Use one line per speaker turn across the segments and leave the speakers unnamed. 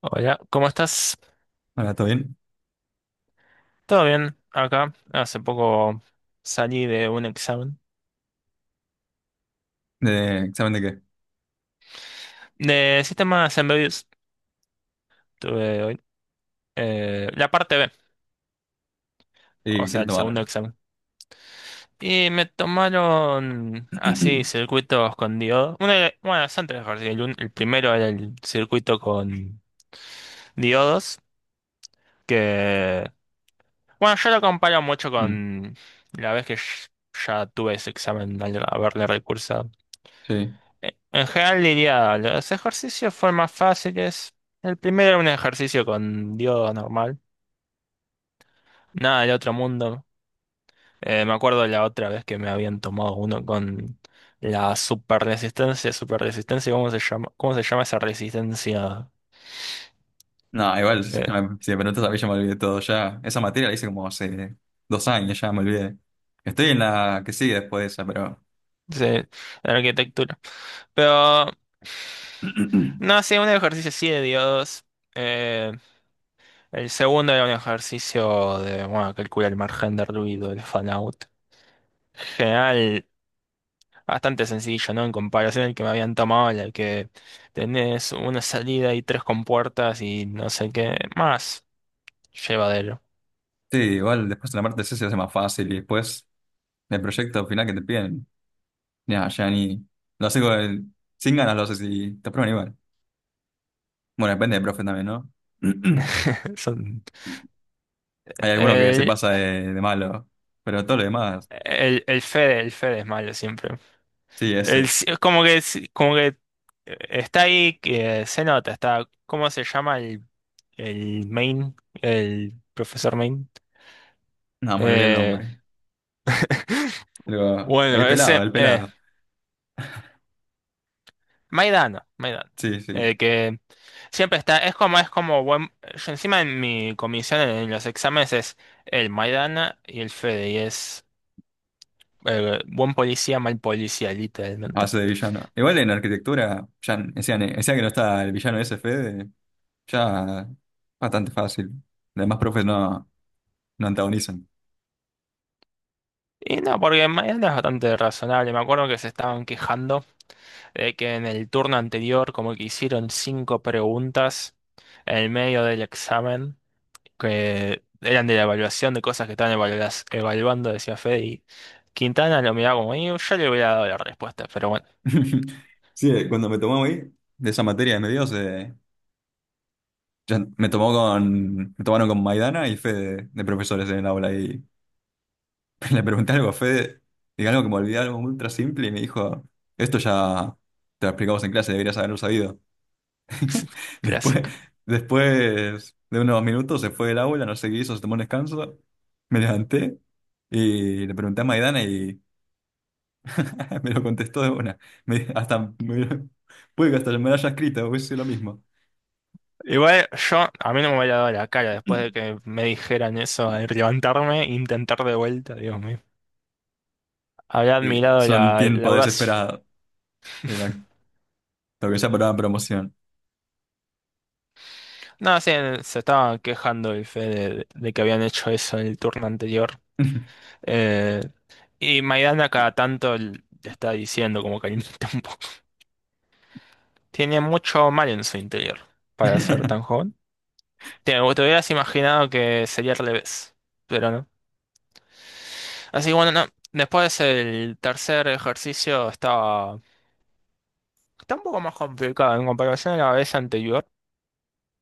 Hola, ¿cómo estás?
Hola, ¿todo bien?
¿Todo bien? Acá hace poco salí de un examen
¿De examen de qué?
de sistemas embebidos. Tuve hoy la parte B, o
¿Y qué
sea,
te
el segundo
tomaron?
examen. Y me tomaron así circuitos con diodos. Uno era- bueno, son tres ejercicios. El, un- el primero era el circuito con diodos, que bueno, yo lo comparo mucho
Mm,
con la vez que sh- ya tuve ese examen al haberle recursado.
sí.
En general diría, los ejercicios fueron más fáciles. El primero era un ejercicio con yoga normal, nada del otro mundo. Me acuerdo la otra vez que me habían tomado uno con la super resistencia, ¿cómo se llama? ¿Cómo se llama esa resistencia?
No, igual, si no
Eh,
me si me preguntas a mí ya me olvidé todo ya. Esa materia la hice como hace 2 años, ya me olvidé. Estoy en la que sigue después de esa, pero...
de de arquitectura. Pero no, sí, un ejercicio sí de Dios. Eh, el segundo era un ejercicio de, bueno, calcular el margen de ruido, el fan out. Bastante sencillo, ¿no? En comparación al que me habían tomado, en el que tenés una salida y tres compuertas y no sé qué más. Llevadero.
Sí, igual después en la parte C se hace más fácil y después el proyecto final que te piden, ya, ya ni... Lo haces sin ganas, lo haces y te aprueban igual. Bueno, depende del profe también, ¿no?
Son...
Hay alguno que se
El,
pasa de malo, pero todo lo demás,
el Fede es malo siempre.
sí,
El-
ese.
si, es como que está ahí, que se nota, está... ¿Cómo se llama el main? El profesor main.
No, me olvidé el
Eh,
nombre. Pero el
bueno,
pelado,
ese...
el pelado.
Maidano, Maidano.
Sí, sí.
Siempre está, es como buen, yo encima en mi comisión en los exámenes es el Maidana y el Fede, y es buen policía, mal policía, literalmente.
Hace de villano. Igual en arquitectura, ya decían que no está el villano ese Fede, ya bastante fácil. Además, profes no, no antagonizan.
Y no, porque Maidana es bastante razonable. Me acuerdo que se estaban quejando de que en el turno anterior como que hicieron cinco preguntas en el medio del examen que eran de la evaluación de cosas que estaban evaluando, decía Fede, y Quintana lo miraba como, "Y yo le hubiera dado la respuesta, pero bueno,
Sí, cuando me tomó ahí, de esa materia de medios, me tomaron con Maidana y Fede de profesores en el aula y le pregunté algo a Fede, diga algo que me olvidé, algo ultra simple, y me dijo, esto ya te lo explicamos en clase, deberías haberlo sabido. Después,
clásico".
después de unos minutos se fue el aula, no sé qué hizo, se tomó un descanso. Me levanté y le pregunté a Maidana y me lo contestó de una. Me- hasta me- puede que hasta me lo haya escrito, hubiese sido lo mismo.
Igual yo, a mí no me hubiera dado la cara después de que me dijeran eso, de levantarme, e intentar de vuelta, Dios mío. Había
Y
admirado
son
la, la
tiempos
audacia.
desesperados. Era lo que se apuraba promoción.
No, sí, se estaba quejando el Fede de que habían hecho eso en el turno anterior. Eh, y Maidana cada tanto le está diciendo como que un poco. Tiene mucho mal en su interior para ser tan joven. Te hubieras imaginado que sería al revés, pero no. Así que bueno, no. Después el tercer ejercicio estaba. Está un poco más complicado en comparación a la vez anterior,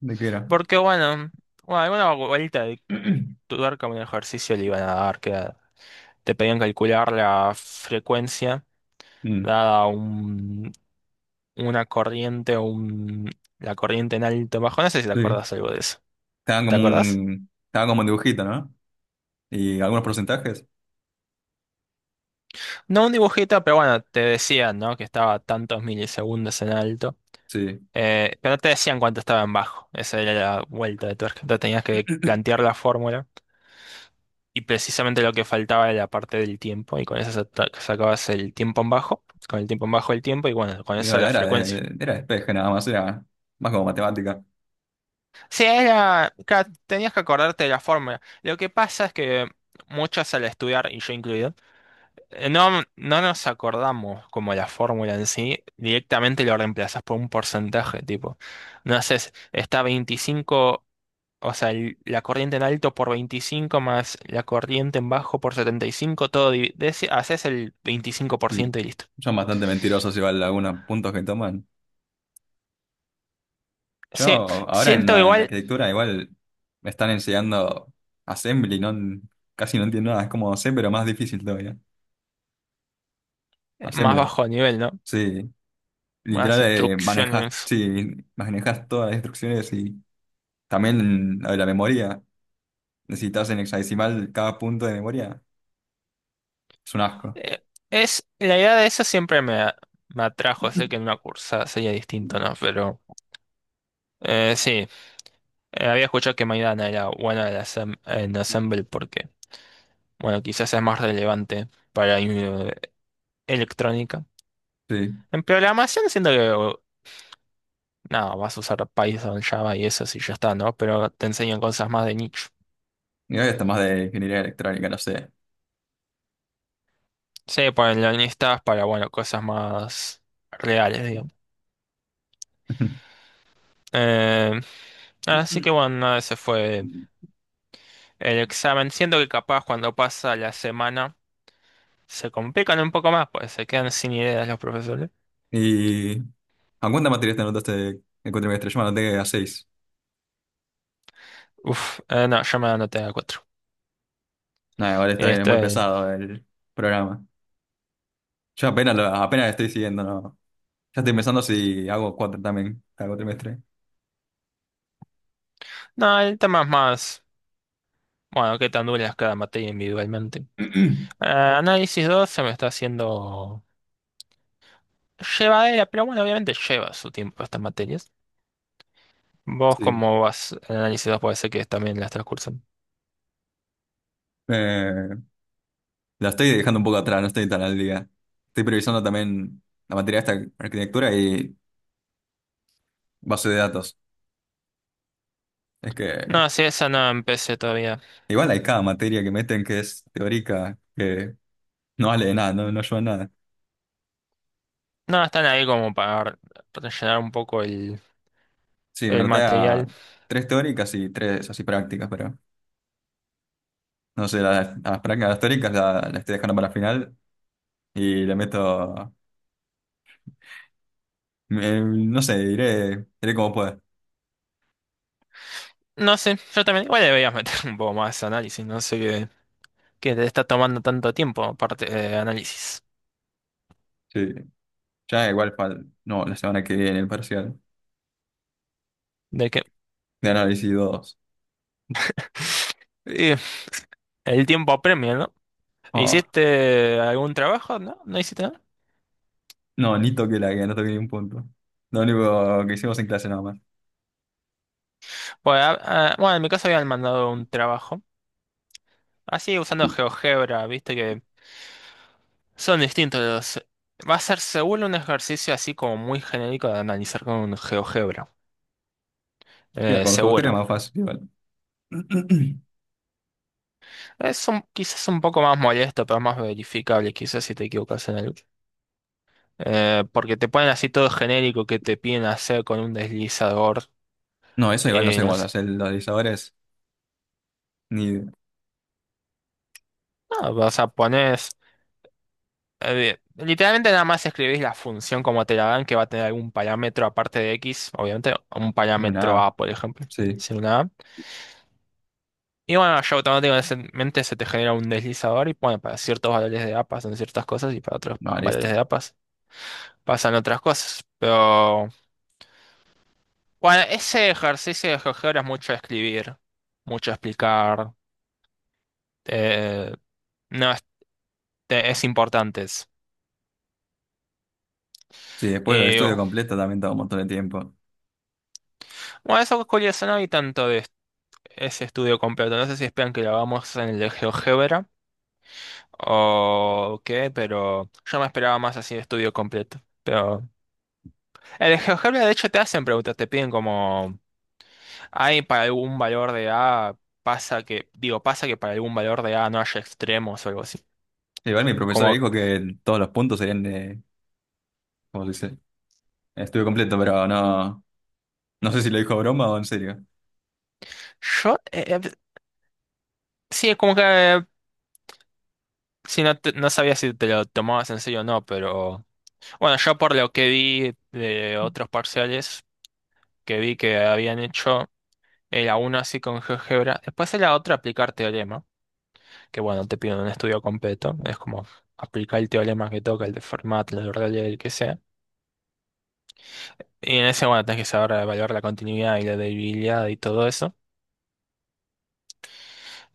¿De qué era?
porque bueno, bueno, alguna vuelta de tuerca, un ejercicio le iban a dar, que era- te pedían calcular la frecuencia
Mm,
dada un, una corriente, un, la corriente en alto bajo, no sé si te
sí.
acordás algo de eso.
Estaban
¿Te
como
acordás?
un, estaban como un dibujito, ¿no? Y algunos porcentajes.
No un dibujito, pero bueno, te decían, ¿no? Que estaba tantos milisegundos en alto,
Sí.
pero no te decían cuánto estaba en bajo, esa era la vuelta de tuerca, entonces tenías que plantear la fórmula. Y precisamente lo que faltaba era la parte del tiempo, y con eso sacabas el tiempo en bajo, con el tiempo en bajo el tiempo, y bueno, con
Digo,
eso la
era
frecuencia.
de, era despeje nada más, era más como matemática.
Sí, era, tenías que acordarte de la fórmula. Lo que pasa es que muchos al estudiar, y yo incluido, no nos acordamos como la fórmula en sí, directamente lo reemplazas por un porcentaje, tipo, no sé, está 25. O sea, el- la corriente en alto por 25 más la corriente en bajo por 75, todo de ese- haces el veinticinco por
Y
ciento y listo.
son bastante mentirosos igual algunos puntos que toman. Yo
Sí,
ahora en,
siento
la- en
igual
arquitectura igual me están enseñando Assembly, no, casi no entiendo nada, es como C pero más difícil todavía.
más
Assembler,
bajo nivel, ¿no?
sí.
Más
Literal manejas,
instrucciones.
sí, manejas todas las instrucciones y también lo de la memoria. Necesitas en hexadecimal cada punto de memoria. Es un asco.
Eh, es, la idea de eso siempre me atrajo, sé que en una cursa sería distinto, ¿no? Pero sí, había escuchado que Maidana era buena en, en Assemble porque, bueno, quizás es más relevante para electrónica.
Sí.
En programación siento que nada, vas a usar Python, Java y eso si ya está, ¿no? Pero te enseñan cosas más de nicho.
Y hoy está más de ingeniería electrónica, no sé.
Sí, ponen listas para, bueno, cosas más reales, digamos. Eh, así que bueno, nada, ese fue el examen. Siento que capaz cuando pasa la semana se complican un poco más, pues se quedan sin ideas los profesores.
¿Y a cuántas materias te anotaste el cuatrimestre? Yo me anoté a seis.
Uf, no, yo me anoté a cuatro.
Nada, igual está bien, es muy
Este,
pesado el programa. Yo apenas estoy siguiendo, ¿no? Ya estoy pensando si hago cuatro también cada cuatrimestre.
no, el tema es más, bueno, qué tan dura es cada materia individualmente. Análisis 2 se me está haciendo. Lleva era, pero bueno, obviamente lleva su tiempo estas materias. ¿Vos
Sí.
cómo vas en análisis 2? Puede ser que también las transcursan.
Eh, la estoy dejando un poco atrás, no estoy tan al día. Estoy priorizando también la materia esta, arquitectura y base de datos. Es que
No, sí, esa no empecé todavía.
igual hay cada materia que meten que es teórica, que no vale de nada, no, no ayuda a nada.
No, están ahí como para rellenar un poco
Sí, me
el
anoté a
material.
tres teóricas y tres así prácticas, pero... No sé, a Franca Gastórica la estoy dejando para el final y le meto. No sé, diré como pueda.
No sé, yo también, igual deberías meter un poco más de análisis, no sé qué, qué te está tomando tanto tiempo, aparte de análisis.
Sí, ya igual para. No, la semana que viene, el parcial
De que
de análisis dos.
y el tiempo apremia, ¿no?
Oh,
¿Hiciste algún trabajo? ¿No? ¿No hiciste nada?
no, ni toqué la guía, no toqué ni un punto. Lo único que hicimos en clase nada más.
Bueno, ah, ah, bueno, en mi caso habían mandado un trabajo así usando GeoGebra, viste que son distintos los... Va a ser seguro un ejercicio así como muy genérico de analizar con GeoGebra.
Sí, con coger es
Seguro.
más fácil igual.
Es un- quizás un poco más molesto, pero más verificable, quizás si te equivocas en algo. Porque te ponen así todo genérico que te piden hacer con un deslizador.
No, eso igual no
Y
sé
no
cómo se
sé.
hace los divisores ni de
No, vas a poner... literalmente nada más escribís la función como te la dan, que va a tener algún parámetro aparte de X, obviamente, un
no,
parámetro
nada.
A, por ejemplo.
Sí,
Si una A. Y bueno, ya automáticamente se te genera un deslizador y bueno, para ciertos valores de A pasan ciertas cosas y para otros
no, listo.
valores de A pasan otras cosas. Pero bueno, ese ejercicio de GeoGebra es mucho escribir, mucho explicar. eh, no, es, es importante. Es.
Sí, después lo
Y,
estudio completo también toma un montón de tiempo.
bueno, eso es curioso, no hay tanto de ese estudio completo. No sé si esperan que lo hagamos en el de GeoGebra o qué, pero yo me esperaba más así de estudio completo. Pero el de GeoGebra de hecho te hacen preguntas, te piden como... Hay para algún valor de A, pasa que, digo, pasa que para algún valor de A no haya extremos o algo así.
Igual mi profesora
Como,
dijo que todos los puntos serían de, ¿cómo se dice? Estuve completo, pero no, no sé si lo dijo broma o en serio.
yo, sí, es como que si no, no sabía si te lo tomabas en serio o no, pero bueno, yo por lo que vi de otros parciales que vi que habían hecho, era uno así con GeoGebra, después era otro aplicar teorema, que bueno, te piden un estudio completo, es como aplicar el teorema que toca, el de Fermat, el de Rayleigh, el que sea. Y en ese, bueno, tenés que saber evaluar la continuidad y la debilidad y todo eso.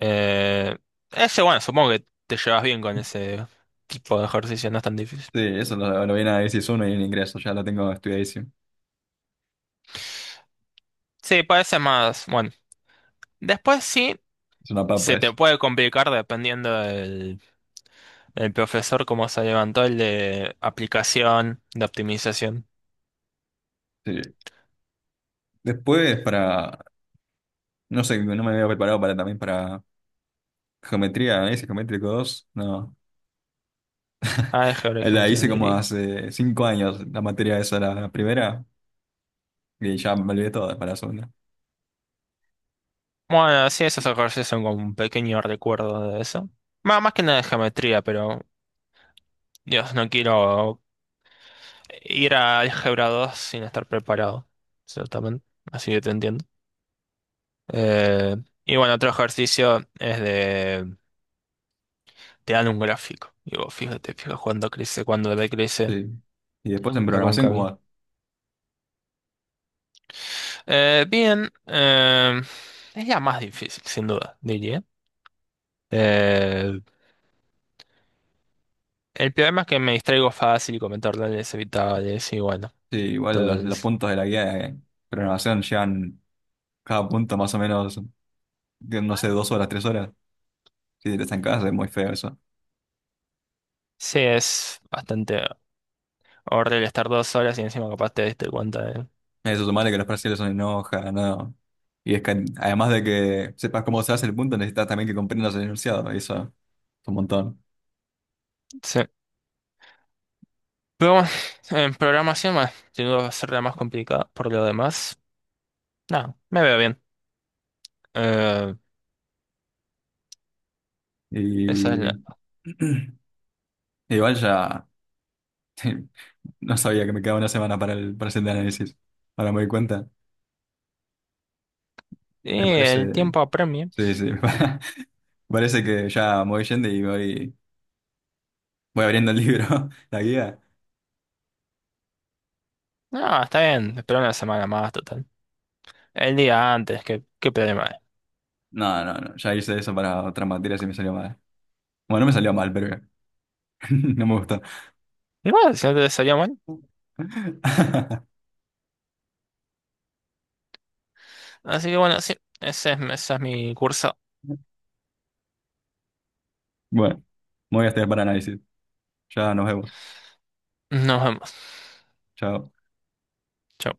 Eh, ese, bueno, supongo que te llevas bien con ese tipo de ejercicio, no es tan difícil.
Sí, eso lo viene a decir uno y en ingreso, ya lo tengo estudiadísimo.
Sí, parece más, bueno. Después sí,
Es una papa
se
eso.
te puede complicar dependiendo del, del profesor, cómo se levantó el de aplicación, de optimización.
Sí. Después para, no sé, no me había preparado para también para geometría, análisis geométrico 2 no.
Álgebra y
La
geometría
hice como
analítica.
hace 5 años, la materia esa, la primera, y ya me olvidé todas para la segunda.
Bueno, sí, esos ejercicios son como un pequeño recuerdo de eso. Más, más que nada de geometría, pero Dios, no quiero ir a álgebra 2 sin estar preparado. Exactamente. Así que te entiendo. Eh, y bueno, otro ejercicio es de... Te dan un gráfico. Y vos fíjate, fíjate cuándo crece, cuándo decrece
Sí. Y después en
la
programación,
cóncava.
como,
Bien, es la más difícil, sin duda, diría. Eh, el problema es que me distraigo fácil y comento órdenes evitables y bueno,
sí, igual
todo
los,
el...
los puntos de la guía de programación llevan cada punto más o menos, no sé, 2 horas, 3 horas. Si te estancás es muy feo eso.
Sí, es bastante horrible estar 2 horas y encima capaz te diste cuenta de...
Eso, sumarle que los brasileños son enoja, no. Y es que además de que sepas cómo se hace el punto, necesitas también que comprendas el enunciado, y eso es un montón.
Sí. Pero bueno, en programación, bueno, sin duda va a ser la más complicada. Por lo demás, nada, me veo bien. Eh, Esa es la...
Y igual ya no sabía que me quedaba una semana para el siguiente análisis. Ahora me doy cuenta. Me
Y el
parece,
tiempo apremia.
sí, sí, me parece que ya me voy yendo y voy abriendo el libro, la guía.
No, está bien, espera una semana más, total. El día antes, qué, qué problema hay.
No, no, no, ya hice eso para otras materias y me salió mal. Bueno, no me salió mal, pero no me gustó.
Igual, si no te salió mal. Así que bueno, sí, ese es mi curso.
Bueno, me voy a estudiar para análisis. Ya nos vemos.
Nos vemos.
Chao.
Chau.